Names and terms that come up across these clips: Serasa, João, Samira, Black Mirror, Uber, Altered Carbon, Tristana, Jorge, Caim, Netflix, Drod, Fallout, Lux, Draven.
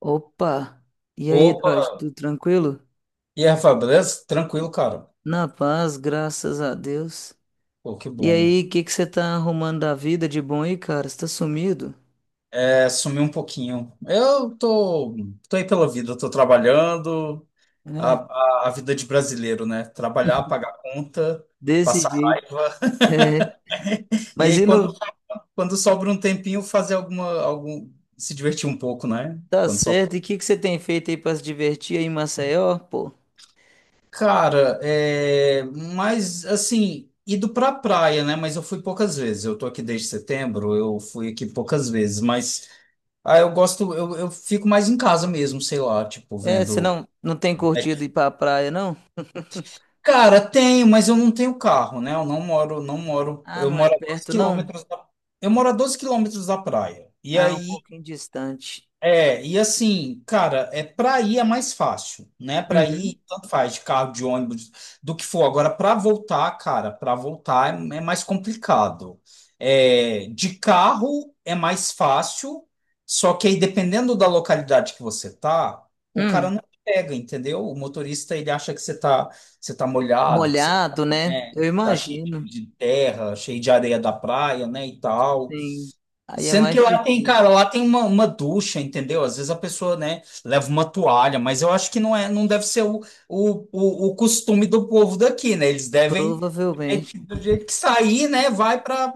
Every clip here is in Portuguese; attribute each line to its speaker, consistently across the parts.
Speaker 1: Opa! E aí,
Speaker 2: Opa!
Speaker 1: Jorge, tudo tranquilo?
Speaker 2: E aí, Rafael, beleza? Tranquilo, cara.
Speaker 1: Na paz, graças a Deus.
Speaker 2: Pô, que
Speaker 1: E
Speaker 2: bom.
Speaker 1: aí, o que que você tá arrumando da vida de bom aí, cara? Você tá sumido?
Speaker 2: É, sumi um pouquinho. Eu tô aí pela vida, eu tô trabalhando, a,
Speaker 1: É,
Speaker 2: a vida de brasileiro, né? Trabalhar, pagar conta,
Speaker 1: desse
Speaker 2: passar
Speaker 1: jeito.
Speaker 2: raiva.
Speaker 1: É.
Speaker 2: E
Speaker 1: Mas
Speaker 2: aí,
Speaker 1: e
Speaker 2: quando,
Speaker 1: não
Speaker 2: quando sobra um tempinho, se divertir um pouco, né?
Speaker 1: tá
Speaker 2: Quando sobra.
Speaker 1: certo? E o que que você tem feito aí pra se divertir aí em Maceió, pô?
Speaker 2: Cara, é, mas assim, ido pra praia, né? Mas eu fui poucas vezes. Eu tô aqui desde setembro, eu fui aqui poucas vezes, mas. Ah, eu gosto, eu fico mais em casa mesmo, sei lá, tipo,
Speaker 1: É, você
Speaker 2: vendo.
Speaker 1: não tem curtido ir pra praia, não?
Speaker 2: Cara, tenho, mas eu não tenho carro, né? Eu não moro, não moro.
Speaker 1: Ah,
Speaker 2: Eu
Speaker 1: não é
Speaker 2: moro a 12
Speaker 1: perto, não?
Speaker 2: quilômetros da, Eu moro a 12 quilômetros da praia. E
Speaker 1: Ah, um
Speaker 2: aí
Speaker 1: pouquinho distante.
Speaker 2: é, e assim, cara, é para ir é mais fácil, né? Para
Speaker 1: Uhum.
Speaker 2: ir, tanto faz, de carro, de ônibus, do que for. Agora, para voltar, cara, para voltar é mais complicado. É, de carro é mais fácil, só que aí dependendo da localidade que você tá, o
Speaker 1: Hum,
Speaker 2: cara não pega, entendeu? O motorista ele acha que você tá molhado, que você,
Speaker 1: molhado, né?
Speaker 2: né,
Speaker 1: Eu
Speaker 2: tá cheio
Speaker 1: imagino.
Speaker 2: de terra, cheio de areia da praia, né, e tal.
Speaker 1: Sim. Aí é
Speaker 2: Sendo que
Speaker 1: mais
Speaker 2: lá tem, cara,
Speaker 1: difícil.
Speaker 2: lá tem uma ducha, entendeu? Às vezes a pessoa, né, leva uma toalha, mas eu acho que não é, não deve ser o costume do povo daqui, né? Eles devem, é,
Speaker 1: Provavelmente.
Speaker 2: do jeito que sair, né, vai para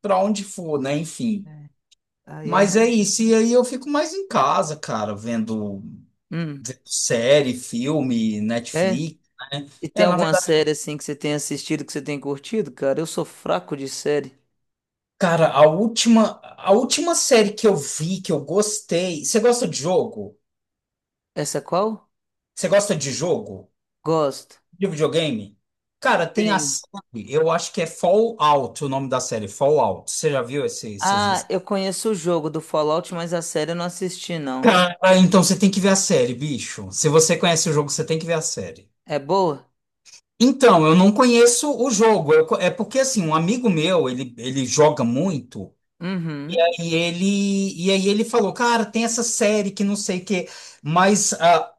Speaker 2: para onde for, né? Enfim.
Speaker 1: É. Aí é.
Speaker 2: Mas é isso, e aí eu fico mais em casa, cara, vendo,
Speaker 1: Hum,
Speaker 2: vendo série, filme,
Speaker 1: é?
Speaker 2: Netflix, né?
Speaker 1: E tem
Speaker 2: É, na
Speaker 1: alguma
Speaker 2: verdade,
Speaker 1: série assim que você tem assistido que você tem curtido, cara? Eu sou fraco de série.
Speaker 2: cara, a última série que eu vi, que eu gostei. Você gosta de jogo?
Speaker 1: Essa qual?
Speaker 2: Você gosta de jogo?
Speaker 1: Gosto.
Speaker 2: De videogame? Cara, tem a
Speaker 1: Tenho.
Speaker 2: série, eu acho que é Fallout o nome da série, Fallout. Você já viu esse, esses-
Speaker 1: Ah,
Speaker 2: esse-
Speaker 1: eu conheço o jogo do Fallout, mas a série eu não assisti, não.
Speaker 2: Cara, então você tem que ver a série, bicho. Se você conhece o jogo, você tem que ver a série.
Speaker 1: É boa?
Speaker 2: Então, eu não conheço o jogo. É porque, assim, um amigo meu, ele joga muito.
Speaker 1: Uhum.
Speaker 2: E ele, e aí ele falou, cara, tem essa série que não sei o quê. Mas ah,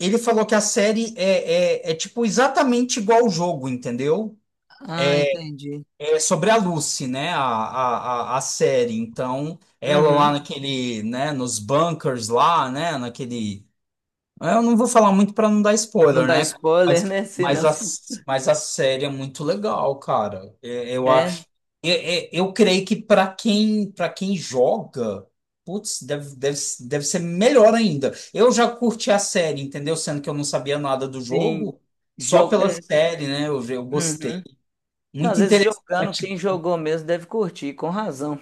Speaker 2: ele falou que a série é tipo, exatamente igual ao jogo, entendeu?
Speaker 1: Ah, entendi.
Speaker 2: É sobre a Lucy, né? A série. Então, ela lá
Speaker 1: Uhum.
Speaker 2: naquele, né? Nos bunkers lá, né? Naquele. Eu não vou falar muito para não dar
Speaker 1: Não
Speaker 2: spoiler,
Speaker 1: dá
Speaker 2: né, cara?
Speaker 1: spoiler,
Speaker 2: Mas,
Speaker 1: né? Se
Speaker 2: mas,
Speaker 1: não.
Speaker 2: a, mas a série é muito legal, cara. É, Eu, a-
Speaker 1: É,
Speaker 2: é- é- eu, creio que para quem joga, putz, deve ser melhor ainda. Eu já curti a série, entendeu? Sendo que eu não sabia nada do
Speaker 1: sim.
Speaker 2: jogo, só
Speaker 1: Jogo.
Speaker 2: pela
Speaker 1: É.
Speaker 2: série, né? Eu gostei.
Speaker 1: Uhum. Não, às
Speaker 2: Muito
Speaker 1: vezes jogando,
Speaker 2: interessante.
Speaker 1: quem jogou mesmo deve curtir, com razão.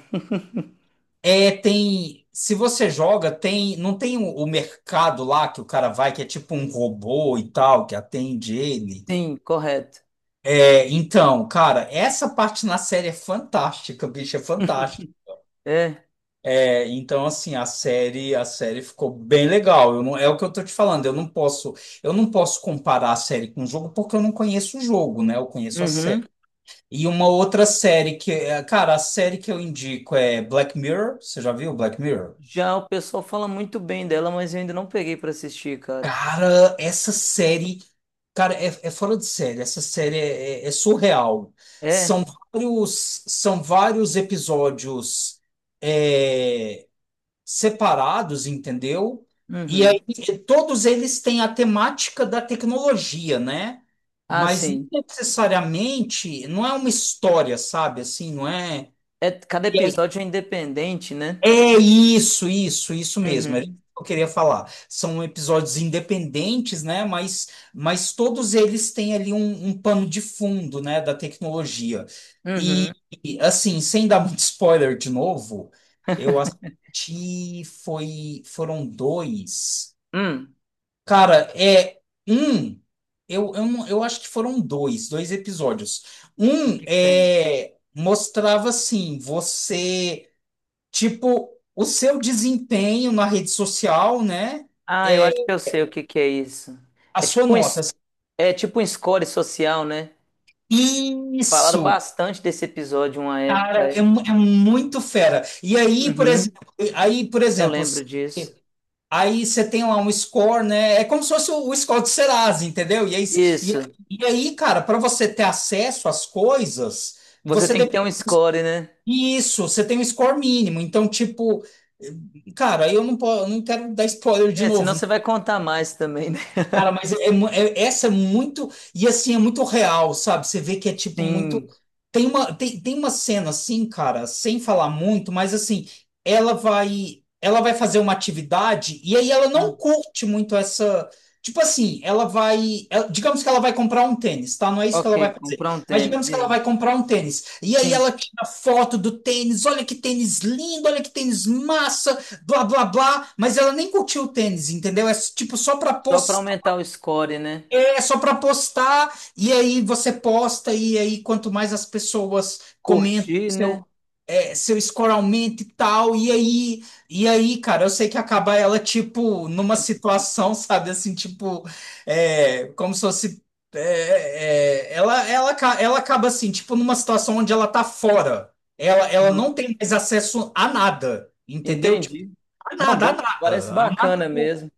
Speaker 2: É, tem. Se você joga, tem. Não tem o mercado lá que o cara vai, que é tipo um robô e tal, que atende ele.
Speaker 1: Sim, correto.
Speaker 2: É, então, cara, essa parte na série é fantástica, bicho, é fantástico.
Speaker 1: É.
Speaker 2: É, então, assim, a série ficou bem legal. Eu não, é o que eu tô te falando. Eu não posso comparar a série com o jogo porque eu não conheço o jogo, né? Eu conheço a
Speaker 1: Uhum.
Speaker 2: série. E uma outra série que, é, cara, a série que eu indico é Black Mirror. Você já viu Black Mirror?
Speaker 1: Já o pessoal fala muito bem dela, mas eu ainda não peguei pra assistir, cara.
Speaker 2: Cara, essa série, cara, é fora de série. Essa série é surreal.
Speaker 1: É?
Speaker 2: São são vários episódios, é, separados, entendeu? E
Speaker 1: Uhum.
Speaker 2: aí todos eles têm a temática da tecnologia, né?
Speaker 1: Ah,
Speaker 2: Mas não
Speaker 1: sim.
Speaker 2: necessariamente, não é uma história, sabe? Assim, não é.
Speaker 1: É, cada episódio é independente, né?
Speaker 2: É isso, isso, isso mesmo. Era isso
Speaker 1: Uhum.
Speaker 2: que eu queria falar. São episódios independentes, né? Mas todos eles têm ali um pano de fundo, né? Da tecnologia. E,
Speaker 1: Uhum.
Speaker 2: e assim, sem dar muito spoiler de novo, eu assisti, foi, foram dois.
Speaker 1: Hum.
Speaker 2: Cara, é um. Eu, não- eu acho que foram dois episódios.
Speaker 1: O que
Speaker 2: Um
Speaker 1: que que tem?
Speaker 2: é, mostrava assim, você. Tipo, o seu desempenho na rede social, né?
Speaker 1: Ah, eu
Speaker 2: É
Speaker 1: acho que eu sei o que que é isso.
Speaker 2: a
Speaker 1: É tipo
Speaker 2: sua
Speaker 1: um,
Speaker 2: nota.
Speaker 1: é tipo um score social, né? Falaram
Speaker 2: Isso,
Speaker 1: bastante desse episódio uma
Speaker 2: cara,
Speaker 1: época. É.
Speaker 2: é muito fera. E aí, por
Speaker 1: Uhum.
Speaker 2: exemplo, aí, por
Speaker 1: Eu
Speaker 2: exemplo,
Speaker 1: lembro
Speaker 2: se-
Speaker 1: disso.
Speaker 2: aí você tem lá um score, né? É como se fosse o score do Serasa, entendeu? E,
Speaker 1: Isso.
Speaker 2: e aí, cara, para você ter acesso às coisas,
Speaker 1: Você
Speaker 2: você
Speaker 1: tem que
Speaker 2: depende,
Speaker 1: ter um score, né?
Speaker 2: isso, você tem um score mínimo. Então, tipo, cara, aí eu não, po- eu não quero dar spoiler de
Speaker 1: É, senão
Speaker 2: novo.
Speaker 1: você vai contar mais também, né?
Speaker 2: Cara, essa é muito. E assim, é muito real, sabe? Você vê que é tipo muito.
Speaker 1: Sim.
Speaker 2: Tem uma cena assim, cara, sem falar muito, mas assim, Ela vai fazer uma atividade e aí ela
Speaker 1: Ah.
Speaker 2: não curte muito essa. Tipo assim, digamos que ela vai comprar um tênis, tá? Não é isso que ela
Speaker 1: Ok,
Speaker 2: vai fazer.
Speaker 1: comprar um
Speaker 2: Mas
Speaker 1: tênis.
Speaker 2: digamos
Speaker 1: E
Speaker 2: que ela
Speaker 1: aí?
Speaker 2: vai comprar um tênis. E aí
Speaker 1: Sim,
Speaker 2: ela tira foto do tênis, olha que tênis lindo, olha que tênis massa, blá blá blá, mas ela nem curtiu o tênis, entendeu? É tipo só para,
Speaker 1: só para aumentar o score, né?
Speaker 2: é só para postar, e aí você posta, e aí quanto mais as pessoas comentam
Speaker 1: Curtir, né?
Speaker 2: seu score aumenta e tal. E aí, cara, eu sei que acaba ela, tipo, numa situação, sabe, assim, tipo, é, como se fosse, ela acaba assim, tipo, numa situação onde ela tá fora. Ela não
Speaker 1: Aham.
Speaker 2: tem mais acesso a nada, entendeu? Tipo,
Speaker 1: Entendi.
Speaker 2: a
Speaker 1: Não,
Speaker 2: nada, a
Speaker 1: bem, parece
Speaker 2: nada, a nada.
Speaker 1: bacana mesmo.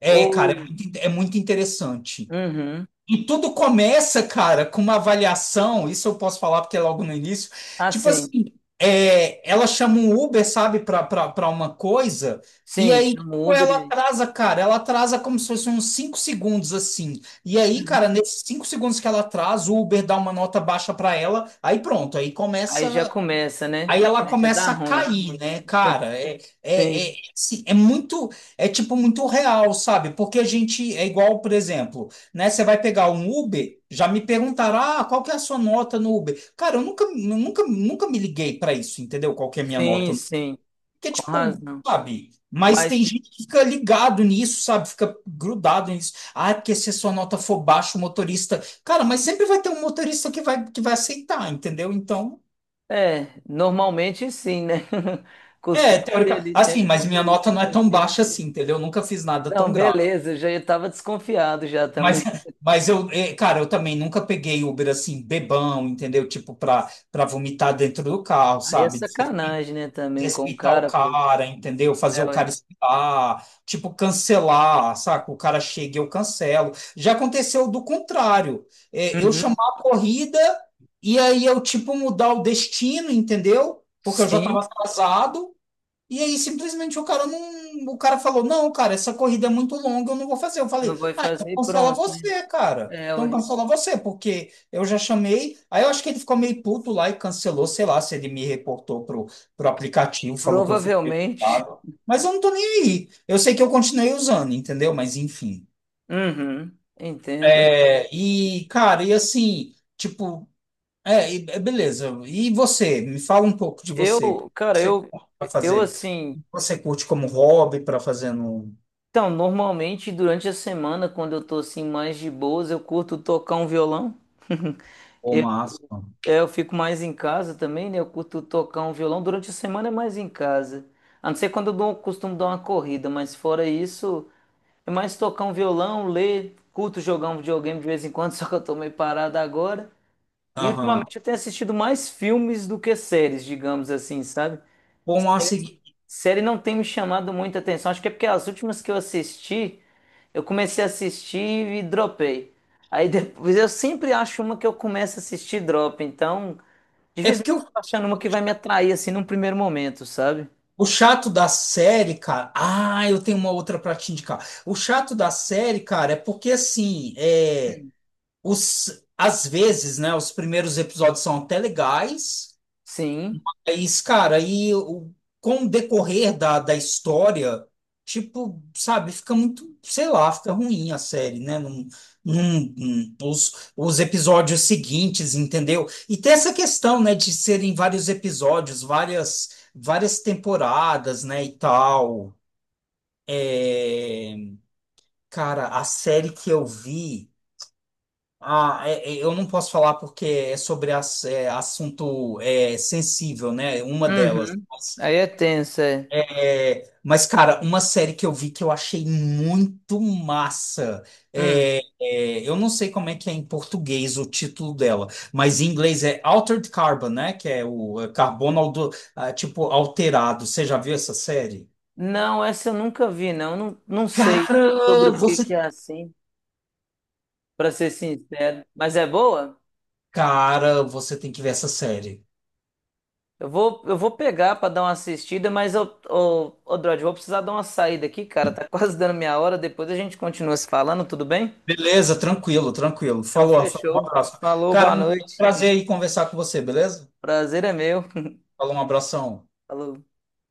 Speaker 2: É, cara, é
Speaker 1: Ou,
Speaker 2: muito, in- é muito interessante.
Speaker 1: uhum.
Speaker 2: E tudo começa, cara, com uma avaliação. Isso eu posso falar porque é logo no início. Tipo
Speaker 1: Assim,
Speaker 2: assim, é, ela chama um Uber, sabe, pra uma coisa, e
Speaker 1: sim, sim,
Speaker 2: aí tipo,
Speaker 1: chama o Uber
Speaker 2: ela
Speaker 1: e aí.
Speaker 2: atrasa, cara. Ela atrasa como se fosse uns 5 segundos, assim. E aí, cara,
Speaker 1: Uhum.
Speaker 2: nesses 5 segundos que ela atrasa, o Uber dá uma nota baixa pra ela, aí pronto, aí
Speaker 1: Aí já
Speaker 2: começa.
Speaker 1: começa, né?
Speaker 2: Aí ela
Speaker 1: Aí já dá
Speaker 2: começa a
Speaker 1: ruim.
Speaker 2: cair, né, cara?
Speaker 1: Sim,
Speaker 2: Assim, é muito, é tipo muito real, sabe? Porque a gente é igual, por exemplo, né? Você vai pegar um Uber, já me perguntaram, ah, qual que é a sua nota no Uber? Cara, eu nunca, nunca, nunca me liguei pra isso, entendeu? Qual que é a minha
Speaker 1: sim,
Speaker 2: nota?
Speaker 1: sim,
Speaker 2: Porque,
Speaker 1: com
Speaker 2: tipo,
Speaker 1: razão.
Speaker 2: sabe? Mas
Speaker 1: Mas,
Speaker 2: tem gente que fica ligado nisso, sabe? Fica grudado nisso. Ah, porque se a sua nota for baixa, o motorista. Cara, mas sempre vai ter um motorista que vai aceitar, entendeu? Então.
Speaker 1: é, normalmente sim, né?
Speaker 2: É,
Speaker 1: Costuma ter
Speaker 2: teórica.
Speaker 1: ali sempre
Speaker 2: Assim,
Speaker 1: um
Speaker 2: mas minha
Speaker 1: motorista
Speaker 2: nota não
Speaker 1: que
Speaker 2: é
Speaker 1: vai
Speaker 2: tão baixa
Speaker 1: aceitar.
Speaker 2: assim, entendeu? Eu nunca fiz nada
Speaker 1: Não,
Speaker 2: tão grave.
Speaker 1: beleza, eu já estava desconfiado já
Speaker 2: Mas
Speaker 1: também.
Speaker 2: mas eu, cara, eu também nunca peguei Uber assim, bebão, entendeu? Tipo, pra vomitar dentro do carro,
Speaker 1: Aí é
Speaker 2: sabe?
Speaker 1: sacanagem, né, também com o
Speaker 2: Desrespeitar o
Speaker 1: cara, pô.
Speaker 2: cara, entendeu? Fazer
Speaker 1: É,
Speaker 2: o
Speaker 1: ué.
Speaker 2: cara esperar, tipo, cancelar, saca? O cara chega e eu cancelo. Já aconteceu do contrário. Eu
Speaker 1: Uhum.
Speaker 2: chamar a corrida e aí eu, tipo, mudar o destino, entendeu? Porque eu já tava
Speaker 1: Sim,
Speaker 2: atrasado. E aí, simplesmente o cara não. O cara falou: não, cara, essa corrida é muito longa, eu não vou fazer. Eu
Speaker 1: não
Speaker 2: falei:
Speaker 1: vai
Speaker 2: ah, então
Speaker 1: fazer e
Speaker 2: cancela
Speaker 1: pronto, né?
Speaker 2: você, cara.
Speaker 1: É,
Speaker 2: Então
Speaker 1: ué.
Speaker 2: cancela você, porque eu já chamei. Aí eu acho que ele ficou meio puto lá e cancelou, sei lá, se ele me reportou pro, pro aplicativo, falou que eu fui
Speaker 1: Provavelmente.
Speaker 2: prejudicado. Mas eu não tô nem aí. Eu sei que eu continuei usando, entendeu? Mas enfim.
Speaker 1: Uhum, entendo.
Speaker 2: É, e, cara, e assim, tipo. É, e, é, beleza. E você? Me fala um pouco de você.
Speaker 1: Eu, cara,
Speaker 2: Você
Speaker 1: eu,
Speaker 2: para
Speaker 1: eu
Speaker 2: fazer?
Speaker 1: assim.
Speaker 2: Você curte como hobby para fazer no...
Speaker 1: Então, normalmente durante a semana, quando eu tô assim mais de boas, eu curto tocar um violão.
Speaker 2: Pô,
Speaker 1: Eu,
Speaker 2: massa.
Speaker 1: é, eu fico mais em casa também, né? Eu curto tocar um violão. Durante a semana é mais em casa. A não ser quando eu dou, costumo dar uma corrida, mas fora isso. É mais tocar um violão, ler, curto jogar um videogame de vez em quando, só que eu tô meio parado agora. E
Speaker 2: Aham.
Speaker 1: ultimamente eu tenho assistido mais filmes do que séries, digamos assim, sabe?
Speaker 2: Bom, massa. E-
Speaker 1: Série não tem me chamado muita atenção. Acho que é porque as últimas que eu assisti, eu comecei a assistir e dropei. Aí depois eu sempre acho uma que eu começo a assistir e drop. Então,
Speaker 2: É
Speaker 1: dificilmente
Speaker 2: porque
Speaker 1: eu tô achando uma que vai me atrair assim num primeiro momento, sabe?
Speaker 2: o chato da série, cara. Ah, eu tenho uma outra pra te indicar. O chato da série, cara, é porque assim, é,
Speaker 1: Hum.
Speaker 2: os às vezes, né, os primeiros episódios são até legais.
Speaker 1: Sim.
Speaker 2: É isso, cara, aí o, com o decorrer da história, tipo, sabe, fica muito, sei lá, fica ruim a série, né? Os episódios seguintes, entendeu? E tem essa questão, né, de serem vários episódios, várias temporadas, né, e tal. É, cara, a série que eu vi. Eu não posso falar porque é sobre é, assunto é, sensível, né? Uma delas.
Speaker 1: Uhum. Aí é tenso, é.
Speaker 2: É, mas, cara, uma série que eu vi que eu achei muito massa.
Speaker 1: Hum.
Speaker 2: Eu não sei como é que é em português o título dela, mas em inglês é Altered Carbon, né? Que é o é, carbono, ah, tipo, alterado. Você já viu essa série?
Speaker 1: Não, essa eu nunca vi, não. Não sei sobre
Speaker 2: Cara,
Speaker 1: o que
Speaker 2: você.
Speaker 1: que é assim, para ser sincero. Mas é boa?
Speaker 2: Cara, você tem que ver essa série.
Speaker 1: Eu vou pegar para dar uma assistida, mas eu, Drod, vou precisar dar uma saída aqui, cara. Tá quase dando minha hora. Depois a gente continua se falando, tudo bem?
Speaker 2: Beleza, tranquilo, tranquilo.
Speaker 1: Então
Speaker 2: Falou, Rafael, um
Speaker 1: fechou.
Speaker 2: abraço.
Speaker 1: Falou,
Speaker 2: Cara,
Speaker 1: boa
Speaker 2: um
Speaker 1: noite.
Speaker 2: prazer aí conversar com você, beleza?
Speaker 1: Prazer é meu.
Speaker 2: Falou, um abração.
Speaker 1: Falou.